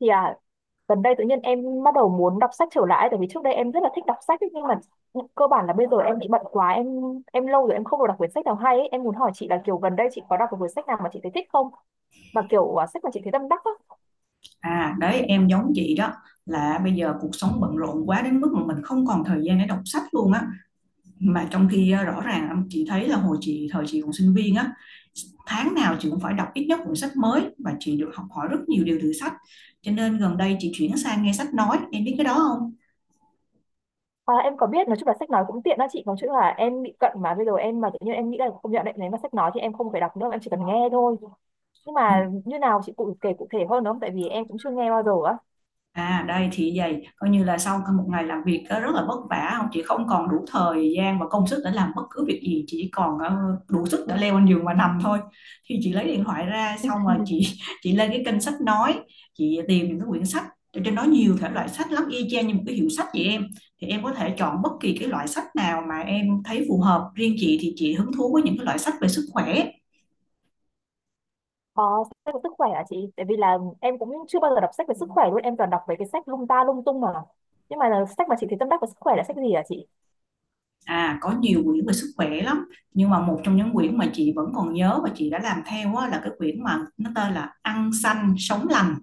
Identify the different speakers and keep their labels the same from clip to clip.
Speaker 1: Thì gần đây tự nhiên em bắt đầu muốn đọc sách trở lại tại vì trước đây em rất là thích đọc sách ấy, nhưng mà cơ bản là bây giờ em bị bận quá, em lâu rồi em không được đọc quyển sách nào hay ấy. Em muốn hỏi chị là kiểu gần đây chị có đọc một quyển sách nào mà chị thấy thích không, và kiểu sách mà chị thấy tâm đắc á.
Speaker 2: À đấy, em giống chị đó, là bây giờ cuộc sống bận rộn quá đến mức mà mình không còn thời gian để đọc sách luôn á. Mà trong khi rõ ràng chị thấy là hồi chị thời chị còn sinh viên á, tháng nào chị cũng phải đọc ít nhất cuốn sách mới, và chị được học hỏi rất nhiều điều từ sách. Cho nên gần đây chị chuyển sang nghe sách nói, em biết cái đó không?
Speaker 1: Em có biết, nói chung là sách nói cũng tiện đó chị, nói chung là em bị cận mà bây giờ em mà tự nhiên em nghĩ là không, nhận định nếu mà sách nói thì em không phải đọc nữa, em chỉ cần nghe thôi. Nhưng mà như nào chị cụ kể cụ thể hơn được không, tại vì em cũng chưa nghe bao giờ á.
Speaker 2: À đây, thì vậy coi như là sau một ngày làm việc á, rất là vất vả, không chị không còn đủ thời gian và công sức để làm bất cứ việc gì, chị chỉ còn đủ sức để leo lên giường và nằm thôi. Thì chị lấy điện thoại ra, xong rồi chị chị lên cái kênh sách nói, chị tìm những cái quyển sách ở trên đó. Nhiều thể loại sách lắm, y chang như một cái hiệu sách vậy em. Thì em có thể chọn bất kỳ cái loại sách nào mà em thấy phù hợp, riêng chị thì chị hứng thú với những cái loại sách về sức khỏe.
Speaker 1: Ờ, sách về sức khỏe hả chị? Tại vì là em cũng chưa bao giờ đọc sách về sức khỏe luôn, em toàn đọc về cái sách lung ta lung tung mà. Nhưng mà là sách mà chị thấy tâm đắc về sức khỏe là sách gì hả chị?
Speaker 2: À, có nhiều quyển về sức khỏe lắm. Nhưng mà một trong những quyển mà chị vẫn còn nhớ và chị đã làm theo á, là cái quyển mà nó tên là Ăn Xanh Sống Lành.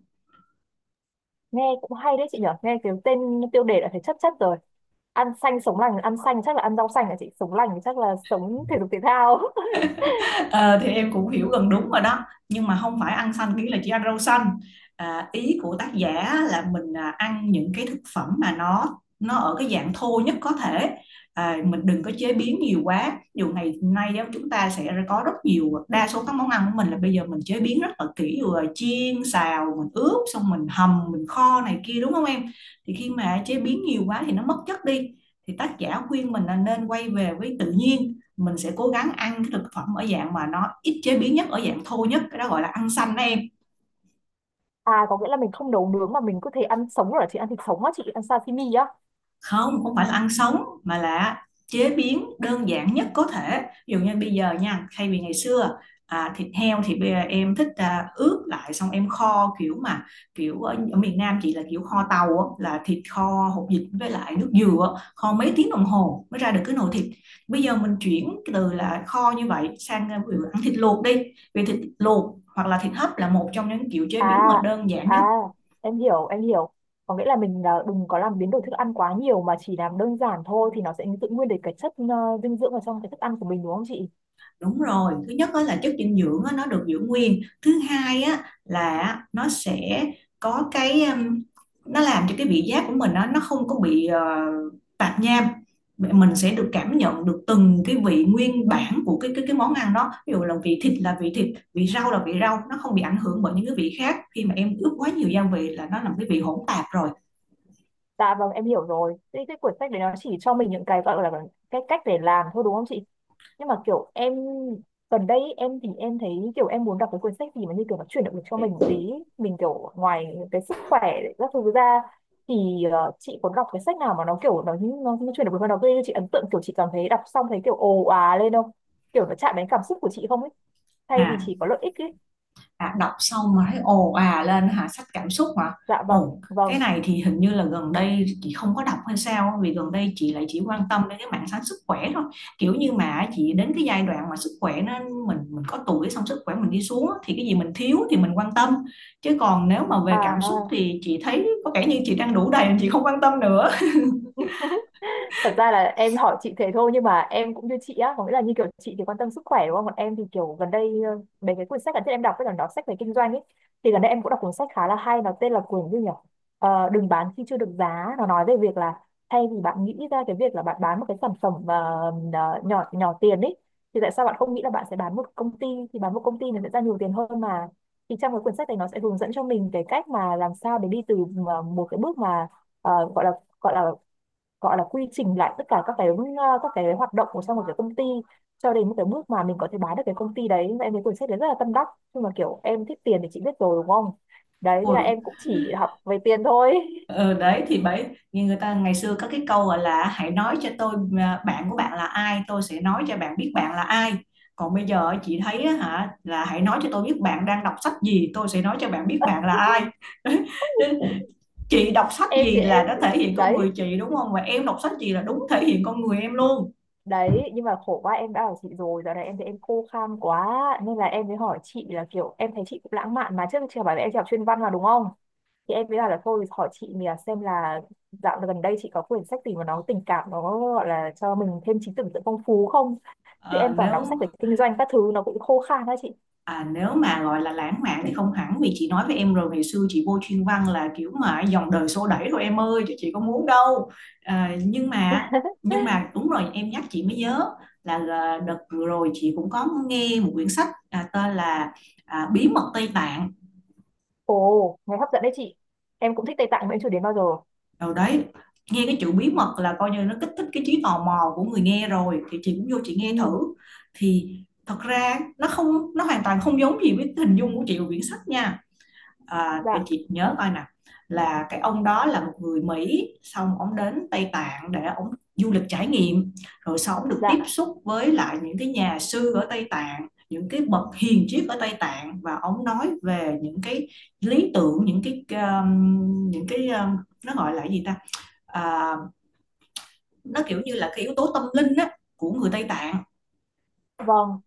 Speaker 1: Nghe cũng hay đấy chị nhở, nghe cái tên tiêu đề đã thấy chất chất rồi. Ăn xanh sống lành, ăn xanh chắc là ăn rau xanh hả chị? Sống lành thì chắc là sống thể dục thể thao.
Speaker 2: Ờ, thì em cũng hiểu gần đúng rồi đó, nhưng mà không phải ăn xanh nghĩa là chỉ ăn rau xanh. Ý của tác giả là mình ăn những cái thực phẩm mà nó ở cái dạng thô nhất có thể. Mình đừng có chế biến nhiều quá, dù ngày nay á, chúng ta sẽ có rất nhiều, đa số các món ăn của mình là bây giờ mình chế biến rất là kỹ rồi, chiên xào mình ướp, xong mình hầm, mình kho này kia, đúng không em? Thì khi mà chế biến nhiều quá thì nó mất chất đi. Thì tác giả khuyên mình là nên quay về với tự nhiên, mình sẽ cố gắng ăn cái thực phẩm ở dạng mà nó ít chế biến nhất, ở dạng thô nhất, cái đó gọi là ăn xanh đó em.
Speaker 1: À, có nghĩa là mình không nấu nướng mà mình có thể ăn sống rồi hả chị? Ăn thịt sống á chị, ăn sashimi á.
Speaker 2: Không, không phải là ăn sống, mà là chế biến đơn giản nhất có thể. Ví dụ như bây giờ nha, thay vì ngày xưa thịt heo thì bây giờ em thích ướp lại, xong em kho kiểu mà kiểu ở miền Nam chị là kiểu kho tàu á, là thịt kho hột vịt với lại nước dừa á, kho mấy tiếng đồng hồ mới ra được cái nồi thịt. Bây giờ mình chuyển từ là kho như vậy sang ví dụ ăn thịt luộc đi, vì thịt luộc hoặc là thịt hấp là một trong những kiểu chế
Speaker 1: À,
Speaker 2: biến mà đơn giản
Speaker 1: à,
Speaker 2: nhất.
Speaker 1: em hiểu, em hiểu. Có nghĩa là mình đừng có làm biến đổi thức ăn quá nhiều mà chỉ làm đơn giản thôi thì nó sẽ giữ nguyên được cái chất dinh dưỡng ở trong cái thức ăn của mình đúng không chị?
Speaker 2: Đúng rồi, thứ nhất á là chất dinh dưỡng á, nó được giữ nguyên. Thứ hai á là nó sẽ có cái nó làm cho cái vị giác của mình á, nó không có bị tạp nham. Mình sẽ được cảm nhận được từng cái vị nguyên bản của cái cái món ăn đó. Ví dụ là vị thịt, vị rau là vị rau, nó không bị ảnh hưởng bởi những cái vị khác. Khi mà em ướp quá nhiều gia vị là nó làm cái vị hỗn tạp rồi.
Speaker 1: Dạ vâng, em hiểu rồi. Thế cái cuốn sách đấy nó chỉ cho mình những cái gọi là cái cách để làm thôi đúng không chị? Nhưng mà kiểu em gần đây ý, em thì em thấy kiểu em muốn đọc cái cuốn sách gì mà như kiểu nó chuyển động lực cho mình một tí, mình kiểu ngoài cái sức khỏe các thứ ra thì chị có đọc cái sách nào mà nó kiểu nó chuyển động lực mà nó gây cho chị ấn tượng, kiểu chị cảm thấy đọc xong thấy kiểu ồ à lên không, kiểu nó chạm đến cảm xúc của chị không ấy, thay vì
Speaker 2: À,
Speaker 1: chỉ có lợi ích ấy.
Speaker 2: đọc xong mà thấy ồ à lên hả, sách cảm xúc hả?
Speaker 1: Dạ vâng
Speaker 2: Ồ, cái
Speaker 1: vâng.
Speaker 2: này thì hình như là gần đây chị không có đọc, hay sao vì gần đây chị lại chỉ quan tâm đến cái mảng sáng sức khỏe thôi. Kiểu như mà chị đến cái giai đoạn mà sức khỏe nó, mình có tuổi xong sức khỏe mình đi xuống á, thì cái gì mình thiếu thì mình quan tâm. Chứ còn nếu mà về cảm xúc
Speaker 1: À.
Speaker 2: thì chị thấy có vẻ như chị đang đủ đầy, chị không quan tâm nữa.
Speaker 1: Thật ra là em hỏi chị thế thôi nhưng mà em cũng như chị á, có nghĩa là như kiểu chị thì quan tâm sức khỏe đúng không, còn em thì kiểu gần đây mấy cái quyển sách gần đây em đọc với là nó sách về kinh doanh ấy. Thì gần đây em cũng đọc cuốn sách khá là hay, nó tên là quyển gì nhỉ, Ờ, đừng bán khi chưa được giá. Nó nói về việc là thay vì bạn nghĩ ra cái việc là bạn bán một cái sản phẩm nhỏ nhỏ tiền ấy, thì tại sao bạn không nghĩ là bạn sẽ bán một công ty, thì bán một công ty nó sẽ ra nhiều tiền hơn mà. Thì trong cái quyển sách này nó sẽ hướng dẫn cho mình cái cách mà làm sao để đi từ một cái bước mà ờ, gọi là gọi là gọi là quy trình lại tất cả các cái các cái hoạt động của trong một cái công ty, cho đến cái bước mà mình có thể bán được cái công ty đấy, em thấy cuốn sách đấy rất là tâm đắc. Nhưng mà kiểu em thích tiền thì chị biết rồi đúng không, đấy thế là
Speaker 2: Ui,
Speaker 1: em cũng chỉ học về tiền thôi.
Speaker 2: ừ, đấy thì bởi như người ta ngày xưa có cái câu gọi là hãy nói cho tôi bạn của bạn là ai, tôi sẽ nói cho bạn biết bạn là ai. Còn bây giờ chị thấy á hả, là hãy nói cho tôi biết bạn đang đọc sách gì, tôi sẽ nói cho bạn biết bạn là ai. Chị đọc sách
Speaker 1: em thì
Speaker 2: gì là
Speaker 1: em
Speaker 2: nó thể hiện con người
Speaker 1: đấy,
Speaker 2: chị, đúng không, và em đọc sách gì là đúng thể hiện con người em luôn.
Speaker 1: đấy, nhưng mà khổ quá, em đã bảo chị rồi, giờ này em thấy em khô khan quá, nên là em mới hỏi chị là kiểu em thấy chị cũng lãng mạn, mà trước chị bảo là em chỉ học chuyên văn mà đúng không, thì em mới bảo là thôi hỏi chị mình là xem là dạo gần đây chị có quyển sách gì mà nó tình cảm, nó gọi là cho mình thêm trí tưởng tượng phong phú không, chứ
Speaker 2: Ờ,
Speaker 1: em toàn đọc sách
Speaker 2: nếu
Speaker 1: về kinh doanh các thứ nó cũng khô khan đó chị.
Speaker 2: à, nếu mà gọi là lãng mạn thì không hẳn, vì chị nói với em rồi, ngày xưa chị vô chuyên văn là kiểu mà dòng đời xô đẩy thôi em ơi, chứ chị có muốn đâu. Nhưng mà nhưng mà đúng rồi, em nhắc chị mới nhớ là đợt vừa rồi chị cũng có nghe một quyển sách tên là Bí Mật Tây Tạng.
Speaker 1: Ồ nghe hấp dẫn đấy chị, em cũng thích Tây Tạng mà em chưa đến bao giờ.
Speaker 2: Rồi đấy, nghe cái chữ bí mật là coi như nó kích thích cái trí tò mò của người nghe rồi, thì chị cũng vô chị
Speaker 1: Ừ.
Speaker 2: nghe thử. Thì thật ra nó không nó hoàn toàn không giống gì với hình dung của chị của quyển sách nha. À, để
Speaker 1: Dạ.
Speaker 2: chị nhớ coi nè, là cái ông đó là một người Mỹ, xong ông đến Tây Tạng để ông du lịch trải nghiệm. Rồi sau ông được tiếp
Speaker 1: Dạ
Speaker 2: xúc với lại những cái nhà sư ở Tây Tạng, những cái bậc hiền triết ở Tây Tạng, và ông nói về những cái lý tưởng, những cái nó gọi là gì ta, à, nó kiểu như là cái yếu tố tâm linh á của người Tây Tạng.
Speaker 1: vâng,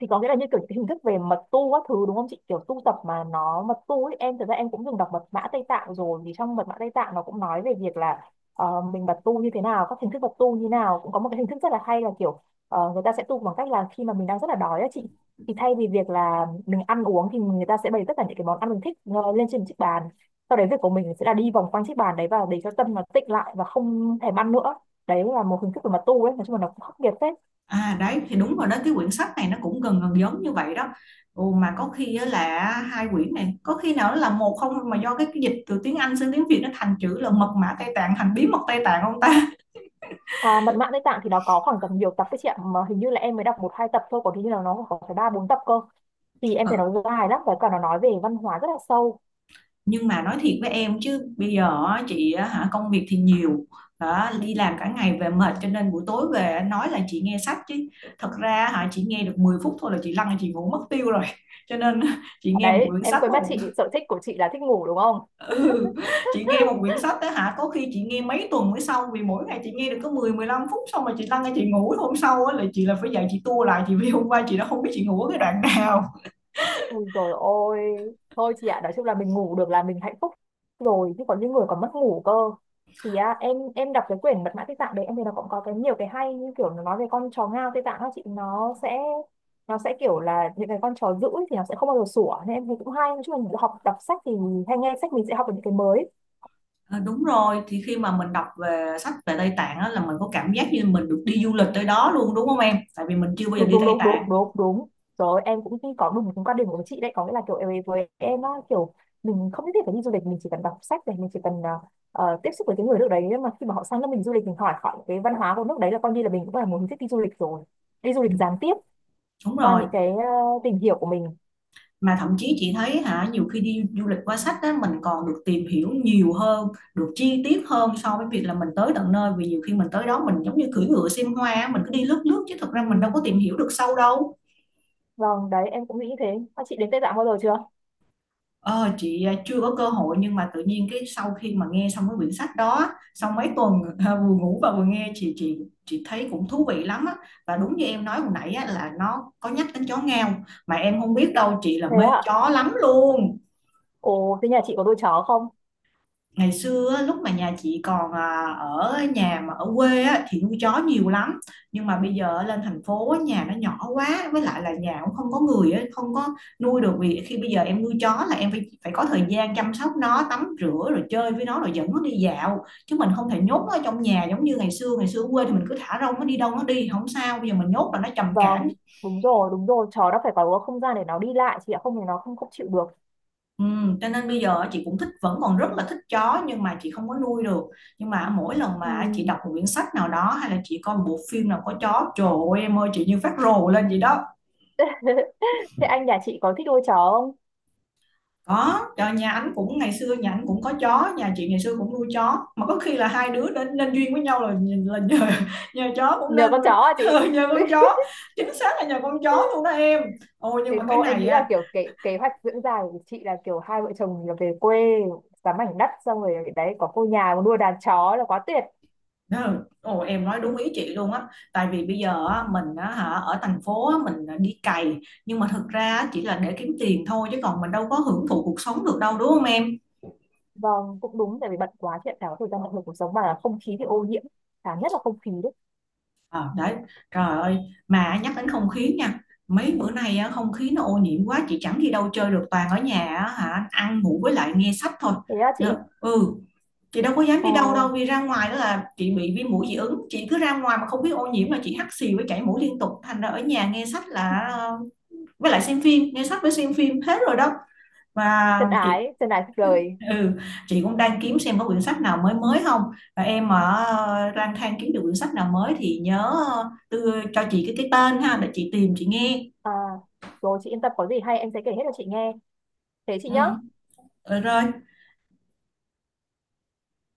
Speaker 1: thì có nghĩa là như kiểu cái hình thức về mật tu các thứ đúng không chị, kiểu tu tập mà nó mật tu ấy. Em thật ra em cũng từng đọc mật mã Tây Tạng rồi, thì trong mật mã Tây Tạng nó cũng nói về việc là mình mật tu như thế nào, các hình thức mật tu như nào, cũng có một cái hình thức rất là hay là kiểu người ta sẽ tu bằng cách là khi mà mình đang rất là đói á chị, thì thay vì việc là mình ăn uống thì người ta sẽ bày tất cả những cái món ăn mình thích lên trên chiếc bàn, sau đấy việc của mình sẽ là đi vòng quanh chiếc bàn đấy và để cho tâm nó tịnh lại và không thèm ăn nữa. Đấy là một hình thức về mật tu ấy, nói chung là nó cũng khắc nghiệt phết.
Speaker 2: À đấy thì đúng rồi đó, cái quyển sách này nó cũng gần gần giống như vậy đó. Ồ, mà có khi á là hai quyển này có khi nào nó là một không, mà do cái dịch từ tiếng Anh sang tiếng Việt nó thành chữ là Mật Mã Tây Tạng thành Bí Mật Tây Tạng không ta?
Speaker 1: À, mật mã Tây Tạng thì nó có khoảng tầm nhiều tập đấy chị ạ, mà hình như là em mới đọc một hai tập thôi, còn hình như là nó có phải ba bốn tập cơ, thì em
Speaker 2: Ờ,
Speaker 1: thấy nó dài lắm và cả nó nói về văn hóa rất là sâu.
Speaker 2: nhưng mà nói thiệt với em chứ bây giờ á, chị á hả, công việc thì nhiều đó, đi làm cả ngày về mệt, cho nên buổi tối về á, nói là chị nghe sách chứ thật ra hả, chị nghe được 10 phút thôi là chị lăn chị ngủ mất tiêu rồi. Cho nên chị nghe một
Speaker 1: Đấy
Speaker 2: quyển
Speaker 1: em
Speaker 2: sách
Speaker 1: quên mất, chị
Speaker 2: mất
Speaker 1: sở thích của chị là thích ngủ đúng không.
Speaker 2: ừ. Chị nghe một quyển sách đó hả, có khi chị nghe mấy tuần mới xong, vì mỗi ngày chị nghe được có mười mười lăm phút, xong rồi chị lăn ra chị ngủ, hôm sau á là chị là phải dậy chị tua lại chị, vì hôm qua chị đã không biết chị ngủ ở cái đoạn nào.
Speaker 1: Ui dồi ôi, thôi chị ạ, nói chung là mình ngủ được là mình hạnh phúc rồi, chứ còn những người còn mất ngủ cơ. Thì em đọc cái quyển mật mã Tây Tạng đấy, em thấy nó cũng có cái nhiều cái hay. Như kiểu nó nói về con chó ngao Tây Tạng đó chị, nó sẽ kiểu là những cái con chó dữ ấy, thì nó sẽ không bao giờ sủa, nên em thấy cũng hay. Nói chung là mình học đọc sách thì hay nghe sách mình sẽ học được những cái mới.
Speaker 2: Ờ, đúng rồi, thì khi mà mình đọc về sách về Tây Tạng á, là mình có cảm giác như mình được đi du lịch tới đó luôn, đúng không em, tại vì mình chưa bao giờ
Speaker 1: Đúng
Speaker 2: đi
Speaker 1: đúng
Speaker 2: Tây
Speaker 1: đúng
Speaker 2: Tạng.
Speaker 1: đúng đúng đúng, rồi em cũng nghĩ có đúng cái quan điểm của chị đấy, có nghĩa là kiểu với em á, kiểu mình không nhất thiết phải đi du lịch, mình chỉ cần đọc sách này, mình chỉ cần tiếp xúc với cái người nước đấy, nhưng mà khi mà họ sang nước mình du lịch mình hỏi hỏi cái văn hóa của nước đấy là coi như là mình cũng là một hình thức đi du lịch rồi, đi du
Speaker 2: Ừ,
Speaker 1: lịch gián tiếp
Speaker 2: đúng
Speaker 1: qua
Speaker 2: rồi,
Speaker 1: những cái tìm hiểu của mình.
Speaker 2: mà thậm chí chị thấy hả, nhiều khi đi du lịch qua sách á mình còn được tìm hiểu nhiều hơn, được chi tiết hơn, so với việc là mình tới tận nơi. Vì nhiều khi mình tới đó mình giống như cưỡi ngựa xem hoa á, mình cứ đi lướt lướt chứ thật ra mình đâu
Speaker 1: Ừ.
Speaker 2: có tìm hiểu được sâu đâu.
Speaker 1: Vâng đấy em cũng nghĩ thế. À, chị đến Tây Tạng bao giờ chưa?
Speaker 2: Ờ, chị chưa có cơ hội, nhưng mà tự nhiên cái sau khi mà nghe xong cái quyển sách đó á, sau mấy tuần vừa ngủ và vừa nghe, chị chị thấy cũng thú vị lắm á. Và đúng như em nói hồi nãy á, là nó có nhắc đến chó ngao, mà em không biết đâu, chị là
Speaker 1: Thế
Speaker 2: mê
Speaker 1: ạ?
Speaker 2: chó lắm luôn.
Speaker 1: Ồ thế nhà chị có nuôi chó không?
Speaker 2: Ngày xưa á, lúc mà nhà chị còn ở nhà mà ở quê á, thì nuôi chó nhiều lắm. Nhưng mà bây giờ lên thành phố á, nhà nó nhỏ quá, với lại là nhà cũng không có người á, không có nuôi được. Vì khi bây giờ em nuôi chó là em phải phải có thời gian chăm sóc nó, tắm rửa rồi chơi với nó, rồi dẫn nó đi dạo, chứ mình không thể nhốt nó ở trong nhà giống như ngày xưa. Ngày xưa ở quê thì mình cứ thả rông nó, đi đâu nó đi không sao, bây giờ mình nhốt là nó trầm cảm.
Speaker 1: Vâng, đúng rồi đúng rồi, chó nó phải có không gian để nó đi lại chị ạ, không thì nó không không chịu được.
Speaker 2: Ừ, cho nên bây giờ chị cũng thích, vẫn còn rất là thích chó, nhưng mà chị không có nuôi được. Nhưng mà mỗi lần
Speaker 1: Ừ.
Speaker 2: mà chị đọc một quyển sách nào đó hay là chị coi một bộ phim nào có chó, trời ơi em ơi, chị như phát rồ lên vậy đó.
Speaker 1: Thế anh nhà chị có thích nuôi chó không?
Speaker 2: Có trời, nhà anh cũng, ngày xưa nhà anh cũng có chó, nhà chị ngày xưa cũng nuôi chó, mà có khi là hai đứa nên nên duyên với nhau là nhờ chó cũng
Speaker 1: Nhờ
Speaker 2: nên.
Speaker 1: con chó à chị?
Speaker 2: Ừ, nhờ con chó, chính xác là nhờ con chó luôn đó em. Ôi nhưng
Speaker 1: Thì
Speaker 2: mà cái
Speaker 1: thôi em
Speaker 2: này
Speaker 1: nghĩ là
Speaker 2: á,
Speaker 1: kiểu kế hoạch dưỡng già của chị là kiểu hai vợ chồng là về quê sắm mảnh đất xong rồi đấy có cô nhà có nuôi đàn chó là quá tuyệt.
Speaker 2: ờ, ồ, em nói đúng ý chị luôn á. Tại vì bây giờ á, mình á, hả, ở thành phố á, mình đi cày, nhưng mà thực ra á, chỉ là để kiếm tiền thôi, chứ còn mình đâu có hưởng thụ cuộc sống được đâu, đúng không em?
Speaker 1: Vâng cũng đúng tại vì bận quá chị ạ, chả có thời gian, bận rộn cuộc sống mà không khí thì ô nhiễm, cả nhất là không khí đấy.
Speaker 2: Ờ, đấy, trời ơi, mà nhắc đến không khí nha, mấy bữa nay á, không khí nó ô nhiễm quá, chị chẳng đi đâu chơi được, toàn ở nhà á, hả, ăn ngủ với lại nghe sách thôi.
Speaker 1: Thế á chị?
Speaker 2: Ờ, ừ, chị đâu có dám
Speaker 1: ờ,
Speaker 2: đi đâu đâu, vì ra ngoài đó là chị bị viêm mũi dị ứng, chị cứ ra ngoài mà không biết ô nhiễm là chị hắt xì với chảy mũi liên tục, thành ra ở nhà nghe sách là với lại xem phim, nghe sách với xem phim hết rồi đó. Và
Speaker 1: Chân
Speaker 2: chị,
Speaker 1: ái chân ái cuộc đời.
Speaker 2: ừ, chị cũng đang kiếm xem có quyển sách nào mới mới không, và em mà lang thang kiếm được quyển sách nào mới thì nhớ đưa cho chị cái tên ha, để chị tìm chị nghe.
Speaker 1: à, Rồi chị yên tâm có gì hay em sẽ kể hết cho chị nghe. Thế chị
Speaker 2: Ừ.
Speaker 1: nhá.
Speaker 2: Rồi.